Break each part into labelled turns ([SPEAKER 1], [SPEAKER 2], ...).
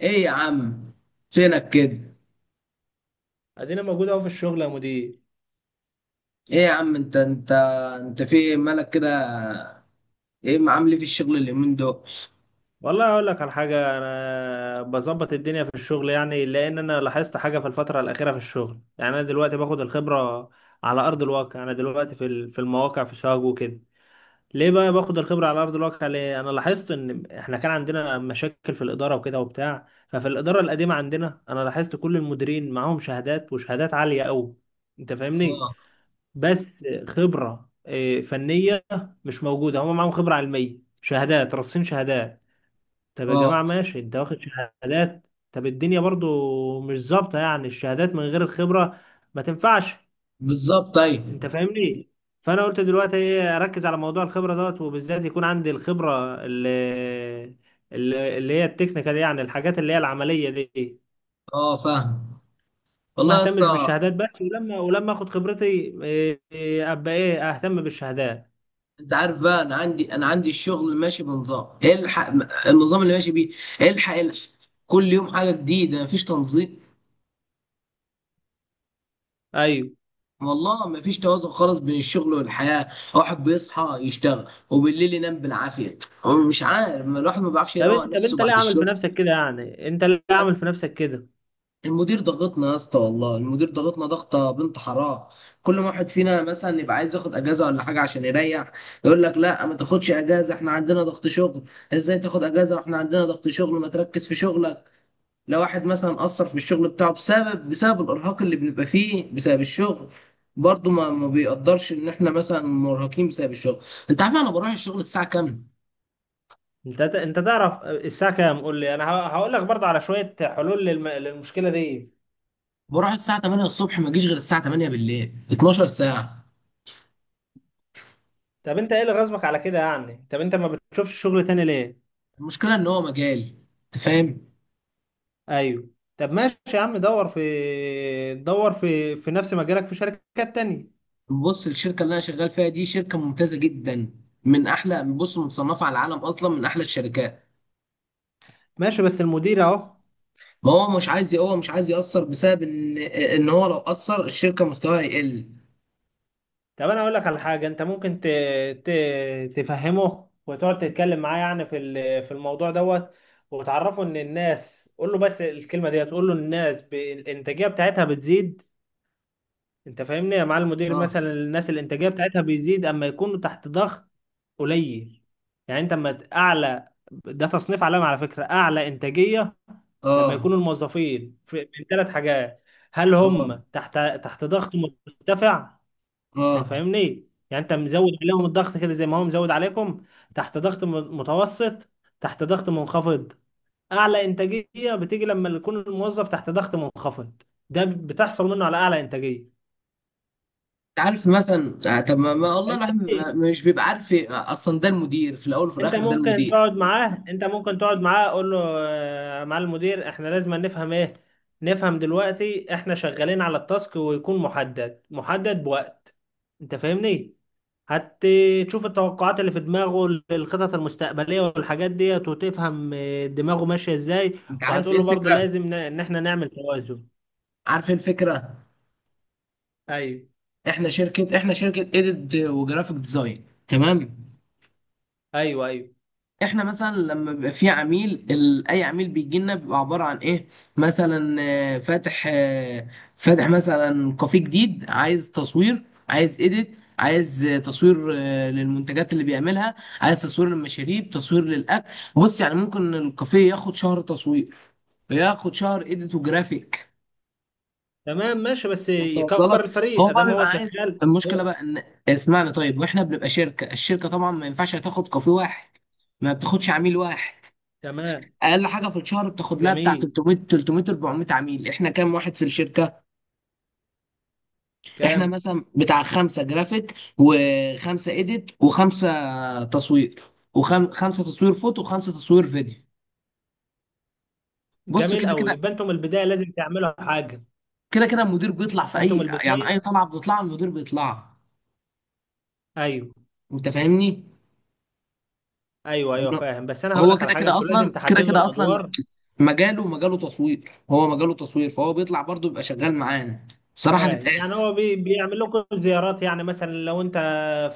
[SPEAKER 1] ايه يا عم، فينك كده؟
[SPEAKER 2] ادينا موجود اهو في الشغل يا مدير.
[SPEAKER 1] ايه يا عم، انت في إيه؟ مالك كده؟ ايه معامل إيه في الشغل اليومين دول؟
[SPEAKER 2] والله اقول لك على حاجه، انا بظبط الدنيا في الشغل يعني، لان انا لاحظت حاجه في الفتره الاخيره في الشغل. يعني انا دلوقتي باخد الخبره على ارض الواقع. انا دلوقتي في المواقع في شاغ وكده. ليه بقى باخد الخبره على ارض الواقع؟ ليه؟ انا لاحظت ان احنا كان عندنا مشاكل في الاداره وكده وبتاع، ففي الاداره القديمه عندنا انا لاحظت كل المديرين معاهم شهادات، وشهادات عاليه قوي. انت فاهمني؟
[SPEAKER 1] اه.
[SPEAKER 2] بس خبرة فنية مش موجودة. هم معاهم خبرة علمية، شهادات رصين، شهادات. طب يا
[SPEAKER 1] اه.
[SPEAKER 2] جماعة ماشي، انت واخد شهادات، طب الدنيا برضو مش ظابطة يعني، الشهادات من غير الخبرة ما تنفعش.
[SPEAKER 1] بالظبط، ايوه.
[SPEAKER 2] انت فاهمني؟ فانا قلت دلوقتي ايه، اركز على موضوع الخبرة دوت، وبالذات يكون عندي الخبرة اللي هي التكنيكال، يعني الحاجات اللي هي العملية دي،
[SPEAKER 1] اه، فاهم.
[SPEAKER 2] وما
[SPEAKER 1] والله يا اسطى.
[SPEAKER 2] اهتمش بالشهادات بس. ولما اخد خبرتي إيه، إيه، ابقى ايه اهتم بالشهادات.
[SPEAKER 1] انت عارف بقى، انا عندي، الشغل ماشي بنظام الحق، النظام اللي ماشي بيه الحق الحق. كل يوم حاجه جديده، مفيش تنظيم.
[SPEAKER 2] ايوه.
[SPEAKER 1] والله مفيش توازن خالص بين الشغل والحياه. واحد بيصحى يشتغل، وبالليل ينام بالعافيه. هو مش عارف، الواحد ما بيعرفش يروق
[SPEAKER 2] طب
[SPEAKER 1] نفسه
[SPEAKER 2] انت ليه
[SPEAKER 1] بعد
[SPEAKER 2] عامل في
[SPEAKER 1] الشغل.
[SPEAKER 2] نفسك كده يعني؟ انت ليه عامل في نفسك كده؟
[SPEAKER 1] المدير ضغطنا يا اسطى، والله المدير ضغطنا ضغطه بنت حرام. كل ما واحد فينا مثلا يبقى عايز ياخد اجازه ولا حاجه عشان يريح، يقول لك لا ما تاخدش اجازه، احنا عندنا ضغط شغل. ازاي تاخد اجازه واحنا عندنا ضغط شغل؟ ما تركز في شغلك. لو واحد مثلا قصر في الشغل بتاعه بسبب الارهاق اللي بنبقى فيه بسبب الشغل، برضه ما بيقدرش ان احنا مثلا مرهقين بسبب الشغل. انت عارف انا بروح الشغل الساعه كام؟
[SPEAKER 2] انت تعرف الساعه كام؟ قول لي انا هقول لك برضه على شويه حلول للمشكله دي.
[SPEAKER 1] بروح الساعه 8 الصبح، ما اجيش غير الساعه 8 بالليل، 12 ساعه.
[SPEAKER 2] طب انت ايه اللي غصبك على كده يعني؟ طب انت ما بتشوفش شغل تاني ليه؟
[SPEAKER 1] المشكله ان هو مجالي. انت فاهم.
[SPEAKER 2] ايوه. طب ماشي يا عم، دور في نفس مجالك في شركات تانية.
[SPEAKER 1] بص الشركه اللي انا شغال فيها دي شركه ممتازه جدا، من احلى، بص، متصنفه على العالم اصلا، من احلى الشركات.
[SPEAKER 2] ماشي بس المدير اهو.
[SPEAKER 1] ما هو مش عايز، هو مش عايز ياثر بسبب ان هو لو اثر الشركه مستواها يقل.
[SPEAKER 2] طب انا اقول لك على حاجه، انت ممكن ت... تفهمه وتقعد تتكلم معاه يعني في الموضوع دوت، وتعرفه ان الناس، قول له بس الكلمه ديت، قول له الناس الانتاجيه بتاعتها بتزيد. انت فاهمني؟ مع المدير
[SPEAKER 1] اه.
[SPEAKER 2] مثلا، الناس الانتاجيه بتاعتها بيزيد اما يكونوا تحت ضغط قليل. يعني انت اما اعلى ده تصنيف علامه على فكره، اعلى انتاجيه لما
[SPEAKER 1] اه.
[SPEAKER 2] يكونوا الموظفين من ثلاث حاجات: هل هم
[SPEAKER 1] اه.
[SPEAKER 2] تحت ضغط مرتفع؟ انت
[SPEAKER 1] اه.
[SPEAKER 2] فاهمني يعني، انت مزود عليهم الضغط كده زي ما هو مزود عليكم. تحت ضغط متوسط. تحت ضغط منخفض. اعلى انتاجيه بتيجي لما يكون الموظف تحت ضغط منخفض. ده بتحصل منه على اعلى انتاجيه.
[SPEAKER 1] انت عارف، مثلا طب ما والله
[SPEAKER 2] انت
[SPEAKER 1] الواحد
[SPEAKER 2] فاهمني؟
[SPEAKER 1] مش بيبقى عارف اصلا، ده المدير في الاول وفي
[SPEAKER 2] انت
[SPEAKER 1] الاخر ده
[SPEAKER 2] ممكن
[SPEAKER 1] المدير.
[SPEAKER 2] تقعد معاه، قول له مع المدير، احنا لازم نفهم ايه. نفهم دلوقتي احنا شغالين على التاسك، ويكون محدد بوقت. انت فاهمني؟ هتشوف التوقعات اللي في دماغه للخطط المستقبلية والحاجات ديت، وتفهم دماغه ماشية ازاي.
[SPEAKER 1] انت عارف
[SPEAKER 2] وهتقول
[SPEAKER 1] ايه
[SPEAKER 2] له برضو
[SPEAKER 1] الفكره؟
[SPEAKER 2] لازم ان احنا نعمل توازن.
[SPEAKER 1] عارف ايه الفكره؟
[SPEAKER 2] ايوه
[SPEAKER 1] احنا شركه اديت وجرافيك ديزاين، تمام.
[SPEAKER 2] ايوه. ايوه
[SPEAKER 1] احنا مثلا لما بيبقى في عميل، اي عميل بيجي لنا بيبقى عباره عن ايه؟ مثلا فاتح، فاتح مثلا كافيه جديد، عايز تصوير، عايز اديت، عايز تصوير، للمنتجات اللي بيعملها، عايز تصوير للمشاريب، تصوير للاكل. بص يعني ممكن الكافيه ياخد شهر تصوير، ياخد شهر اديت وجرافيك.
[SPEAKER 2] تمام. ماشي بس
[SPEAKER 1] انت واصل لك؟
[SPEAKER 2] يكبر الفريق
[SPEAKER 1] هو بقى
[SPEAKER 2] ادام هو
[SPEAKER 1] بيبقى عايز.
[SPEAKER 2] شغال
[SPEAKER 1] المشكله
[SPEAKER 2] هو.
[SPEAKER 1] بقى ان، اسمعني طيب، واحنا بنبقى شركه، الشركه طبعا ما ينفعش تاخد كافيه واحد، ما بتاخدش عميل واحد.
[SPEAKER 2] تمام.
[SPEAKER 1] اقل حاجه في الشهر بتاخد لها بتاع
[SPEAKER 2] جميل.
[SPEAKER 1] 300 300 400 عميل. احنا كام واحد في الشركه؟ احنا
[SPEAKER 2] كام؟
[SPEAKER 1] مثلا بتاع خمسه جرافيك، وخمسه ايديت، وخمسه تصوير، وخمسه تصوير فوتو، وخمسه تصوير فيديو. بص،
[SPEAKER 2] جميل
[SPEAKER 1] كده
[SPEAKER 2] قوي.
[SPEAKER 1] كده،
[SPEAKER 2] يبقى انتم من البداية لازم تعملوا حاجة.
[SPEAKER 1] كده كده المدير بيطلع في
[SPEAKER 2] انتم من
[SPEAKER 1] اي، يعني اي
[SPEAKER 2] البداية.
[SPEAKER 1] طلعه بتطلع المدير بيطلع.
[SPEAKER 2] ايوه.
[SPEAKER 1] انت فاهمني.
[SPEAKER 2] ايوه ايوه
[SPEAKER 1] انه،
[SPEAKER 2] فاهم، بس انا هقول
[SPEAKER 1] هو
[SPEAKER 2] لك على
[SPEAKER 1] كده
[SPEAKER 2] حاجة،
[SPEAKER 1] كده
[SPEAKER 2] انتوا لازم
[SPEAKER 1] اصلا، كده
[SPEAKER 2] تحددوا
[SPEAKER 1] كده اصلا،
[SPEAKER 2] الادوار.
[SPEAKER 1] مجاله مجاله تصوير، هو مجاله تصوير، فهو بيطلع برضه، بيبقى شغال معانا، صراحه
[SPEAKER 2] فاهم
[SPEAKER 1] تتقال.
[SPEAKER 2] يعني هو بيعمل لكم زيارات يعني؟ مثلا لو انت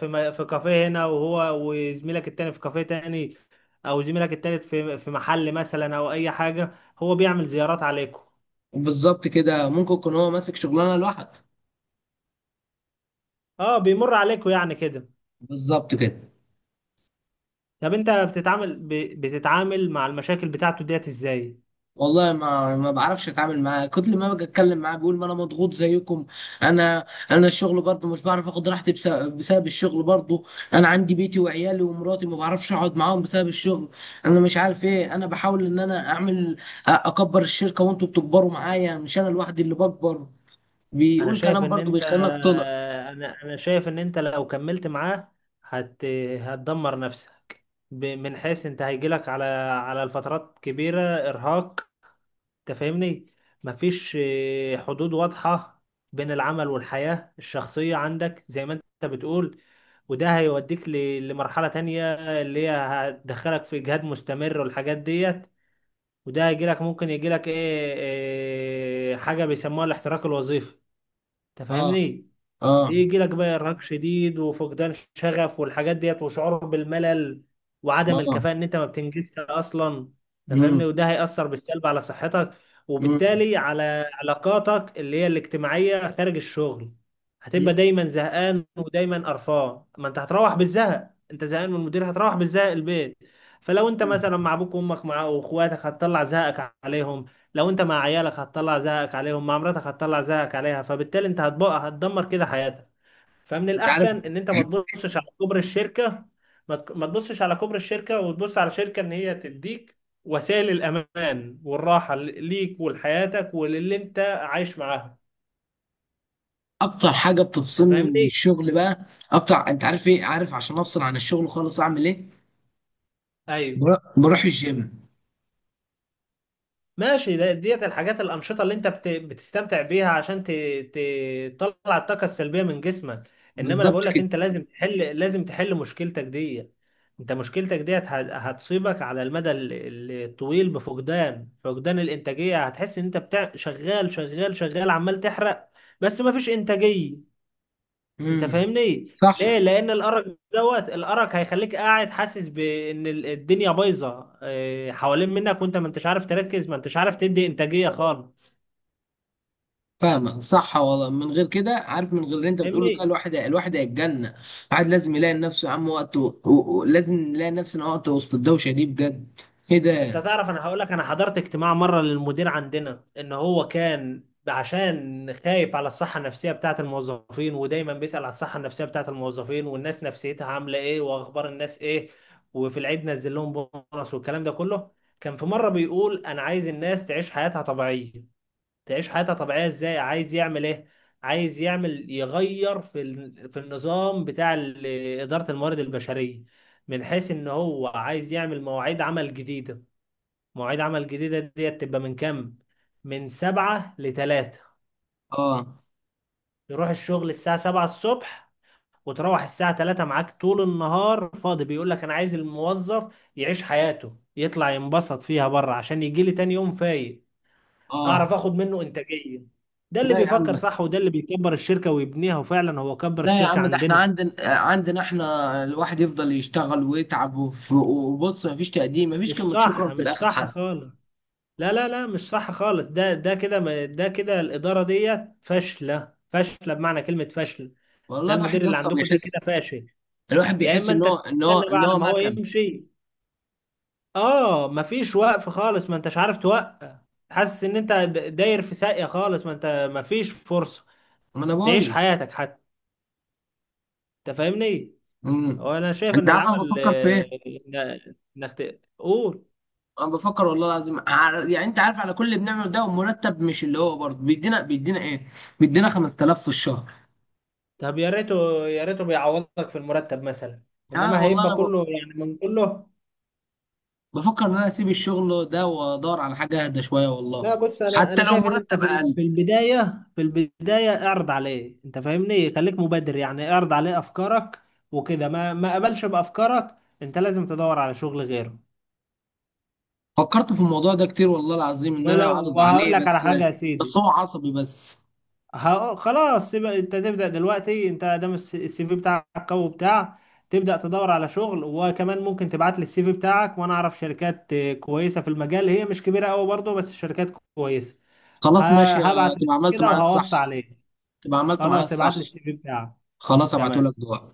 [SPEAKER 2] في كافيه هنا، وهو وزميلك التاني في كافيه تاني، او زميلك التالت في محل مثلا، او اي حاجة، هو بيعمل زيارات عليكم؟
[SPEAKER 1] بالظبط كده، ممكن يكون هو ماسك شغلانه لوحده.
[SPEAKER 2] اه بيمر عليكم يعني كده.
[SPEAKER 1] بالظبط كده.
[SPEAKER 2] طب انت بتتعامل بتتعامل مع المشاكل بتاعته ديت ازاي؟
[SPEAKER 1] والله ما بعرفش اتعامل معاه، كل ما باجي اتكلم معاه بيقول ما انا مضغوط زيكم. انا الشغل برضه مش بعرف اخد راحتي بسبب, الشغل برضه. انا عندي بيتي وعيالي ومراتي، ما بعرفش اقعد معاهم بسبب الشغل. انا مش عارف ايه، انا بحاول ان انا اعمل اكبر الشركة، وانتوا بتكبروا معايا، مش انا لوحدي اللي بكبر.
[SPEAKER 2] انا
[SPEAKER 1] بيقول
[SPEAKER 2] شايف
[SPEAKER 1] كلام
[SPEAKER 2] ان
[SPEAKER 1] برضه
[SPEAKER 2] انت،
[SPEAKER 1] بيخليني اقتنع.
[SPEAKER 2] انا شايف ان انت لو كملت معاه هت... هتدمر نفسك من حيث انت هيجيلك على الفترات كبيرة ارهاق. انت فاهمني؟ مفيش حدود واضحة بين العمل والحياة الشخصية عندك زي ما انت بتقول. وده هيوديك لمرحلة تانية، اللي هي هتدخلك في اجهاد مستمر والحاجات ديت. وده هيجيلك، ممكن يجيلك ايه, إيه حاجة بيسموها الاحتراق الوظيفي. انت
[SPEAKER 1] اه.
[SPEAKER 2] فاهمني؟
[SPEAKER 1] اه.
[SPEAKER 2] يجي لك بقى ارهاق شديد، وفقدان شغف والحاجات ديت، وشعور بالملل، وعدم
[SPEAKER 1] اه.
[SPEAKER 2] الكفاءة ان انت ما بتنجزش اصلا. انت فاهمني؟
[SPEAKER 1] امم.
[SPEAKER 2] وده هيأثر بالسلب على صحتك،
[SPEAKER 1] امم.
[SPEAKER 2] وبالتالي على علاقاتك اللي هي الاجتماعية خارج الشغل. هتبقى دايما زهقان ودايما قرفان. ما انت هتروح بالزهق، انت زهقان من المدير هتروح بالزهق البيت. فلو انت
[SPEAKER 1] أمم.
[SPEAKER 2] مثلا مع ابوك وامك مع واخواتك، هتطلع زهقك عليهم. لو انت مع عيالك هتطلع زهقك عليهم، مع مراتك هتطلع زهقك عليها. فبالتالي انت هتبقى، هتدمر كده حياتك. فمن
[SPEAKER 1] انت عارف،
[SPEAKER 2] الاحسن ان انت ما تبصش على كبر الشركه. ما تبصش على كبر الشركه، وتبص على شركه ان هي تديك وسائل الامان والراحه ليك ولحياتك وللي انت عايش معاها.
[SPEAKER 1] اكتر حاجه
[SPEAKER 2] انت
[SPEAKER 1] بتفصلني من
[SPEAKER 2] فاهمني؟
[SPEAKER 1] الشغل بقى، اكتر، انت عارف ايه؟ عارف عشان افصل عن الشغل خالص اعمل ايه؟
[SPEAKER 2] ايوه
[SPEAKER 1] بروح الجيم.
[SPEAKER 2] ماشي. ديت الحاجات الأنشطة اللي أنت بتستمتع بيها عشان تطلع الطاقة السلبية من جسمك. إنما أنا
[SPEAKER 1] بالظبط
[SPEAKER 2] بقول لك
[SPEAKER 1] كده.
[SPEAKER 2] أنت لازم تحل، مشكلتك دي. أنت مشكلتك ديت هتصيبك على المدى الطويل بفقدان، الإنتاجية. هتحس إن أنت شغال شغال شغال عمال تحرق، بس مفيش إنتاجية. انت
[SPEAKER 1] امم.
[SPEAKER 2] فاهمني؟ ليه؟
[SPEAKER 1] صح.
[SPEAKER 2] لان الارق دوت، الارق هيخليك قاعد حاسس بان الدنيا بايظه حوالين منك، وانت ما انتش عارف تركز، ما انتش عارف تدي انتاجيه خالص.
[SPEAKER 1] فاهمك، صح والله، من غير كده، عارف، من غير اللي انت بتقوله ده
[SPEAKER 2] فاهمني؟
[SPEAKER 1] الواحد هيتجنن. الواحد لازم يلاقي لنفسه يا عم وقت، لازم نلاقي نفسنا وقت وسط الدوشه دي بجد. ايه
[SPEAKER 2] انت
[SPEAKER 1] ده؟
[SPEAKER 2] تعرف، انا هقول لك، انا حضرت اجتماع مره للمدير عندنا، ان هو كان عشان خايف على الصحه النفسيه بتاعه الموظفين، ودايما بيسأل على الصحه النفسيه بتاعه الموظفين، والناس نفسيتها عامله ايه، واخبار الناس ايه. وفي العيد نزل لهم بونص والكلام ده كله. كان في مره بيقول انا عايز الناس تعيش حياتها طبيعيه. تعيش حياتها طبيعية ازاي، عايز يعمل ايه؟ عايز يعمل، يغير في النظام بتاع إدارة الموارد البشرية، من حيث ان هو عايز يعمل مواعيد عمل جديدة. مواعيد عمل جديدة دي تبقى من كام؟ من 7 لـ3.
[SPEAKER 1] اه.
[SPEAKER 2] يروح الشغل الساعة 7 الصبح، وتروح الساعة 3 معاك طول النهار فاضي. بيقول لك انا عايز الموظف يعيش حياته، يطلع ينبسط فيها بره، عشان يجي لي تاني يوم فايق، اعرف
[SPEAKER 1] اه.
[SPEAKER 2] اخد منه انتاجيه. ده اللي
[SPEAKER 1] لا يا عم.
[SPEAKER 2] بيفكر صح، وده اللي بيكبر الشركه ويبنيها، وفعلا هو كبر
[SPEAKER 1] لا يا
[SPEAKER 2] الشركه
[SPEAKER 1] عم، ده احنا
[SPEAKER 2] عندنا.
[SPEAKER 1] عندنا احنا الواحد يفضل يشتغل ويتعب، وبص مفيش تقديم، مفيش
[SPEAKER 2] مش
[SPEAKER 1] كلمة
[SPEAKER 2] صح،
[SPEAKER 1] شكرا في
[SPEAKER 2] مش
[SPEAKER 1] الآخر
[SPEAKER 2] صح
[SPEAKER 1] حد.
[SPEAKER 2] خالص. لا لا لا، مش صح خالص. ده ده كده ما- ده كده الاداره ديت فاشله، فاشله بمعنى كلمه فاشل. ده
[SPEAKER 1] والله الواحد
[SPEAKER 2] المدير
[SPEAKER 1] يا
[SPEAKER 2] اللي
[SPEAKER 1] اسطى
[SPEAKER 2] عندكم ده كده
[SPEAKER 1] بيحس،
[SPEAKER 2] فاشل.
[SPEAKER 1] الواحد
[SPEAKER 2] يا
[SPEAKER 1] بيحس
[SPEAKER 2] اما
[SPEAKER 1] ان
[SPEAKER 2] انت
[SPEAKER 1] هو ان هو
[SPEAKER 2] تستنى بقى
[SPEAKER 1] ان
[SPEAKER 2] على
[SPEAKER 1] هو
[SPEAKER 2] ما هو
[SPEAKER 1] مكن
[SPEAKER 2] يمشي. اه مفيش وقف خالص، ما انتش عارف توقف. حاسس ان انت داير في ساقيه خالص، ما انت مفيش فرصه
[SPEAKER 1] ما انا بقول
[SPEAKER 2] تعيش
[SPEAKER 1] لك.
[SPEAKER 2] حياتك حتى. انت فاهمني؟ هو
[SPEAKER 1] امم.
[SPEAKER 2] انا شايف
[SPEAKER 1] انت
[SPEAKER 2] ان
[SPEAKER 1] عارف انا
[SPEAKER 2] العمل
[SPEAKER 1] بفكر في ايه؟
[SPEAKER 2] انك قول.
[SPEAKER 1] انا بفكر والله العظيم، يعني انت عارف، على كل اللي بنعمله ده ومرتب مش اللي هو، برضه بيدينا ايه؟ بيدينا 5,000 في الشهر.
[SPEAKER 2] طب يا ريته يا ريته بيعوضك في المرتب مثلا،
[SPEAKER 1] يعني
[SPEAKER 2] انما
[SPEAKER 1] والله انا
[SPEAKER 2] هيبقى كله يعني من كله.
[SPEAKER 1] بفكر ان انا اسيب الشغل ده وادور على حاجة اهدى شوية
[SPEAKER 2] لا
[SPEAKER 1] والله،
[SPEAKER 2] بص، انا
[SPEAKER 1] حتى لو
[SPEAKER 2] شايف ان انت
[SPEAKER 1] مرتب اقل.
[SPEAKER 2] في البدايه اعرض عليه. انت فاهمني؟ خليك مبادر يعني، اعرض عليه افكارك. وكده ما قبلش بافكارك، انت لازم تدور على شغل غيره.
[SPEAKER 1] فكرت في الموضوع ده كتير والله العظيم، ان انا
[SPEAKER 2] ولو،
[SPEAKER 1] اعرض
[SPEAKER 2] وهقول
[SPEAKER 1] عليه،
[SPEAKER 2] لك على
[SPEAKER 1] بس
[SPEAKER 2] حاجه يا
[SPEAKER 1] بس
[SPEAKER 2] سيدي،
[SPEAKER 1] هو عصبي بس.
[SPEAKER 2] خلاص يبقى انت تبدأ دلوقتي، انت دام السي في بتاعك قوي بتاع. تبدأ تدور على شغل، وكمان ممكن تبعت لي السي في بتاعك، وانا اعرف شركات كويسة في المجال. هي مش كبيرة قوي برضه، بس شركات كويسة.
[SPEAKER 1] خلاص ماشي،
[SPEAKER 2] هبعت لك
[SPEAKER 1] تبقى عملت
[SPEAKER 2] كده
[SPEAKER 1] معايا الصح،
[SPEAKER 2] وهوصي عليك.
[SPEAKER 1] تبقى عملت معايا
[SPEAKER 2] خلاص ابعت
[SPEAKER 1] الصح.
[SPEAKER 2] لي السي في بتاعك.
[SPEAKER 1] خلاص، ابعته لك
[SPEAKER 2] تمام.
[SPEAKER 1] دلوقتي.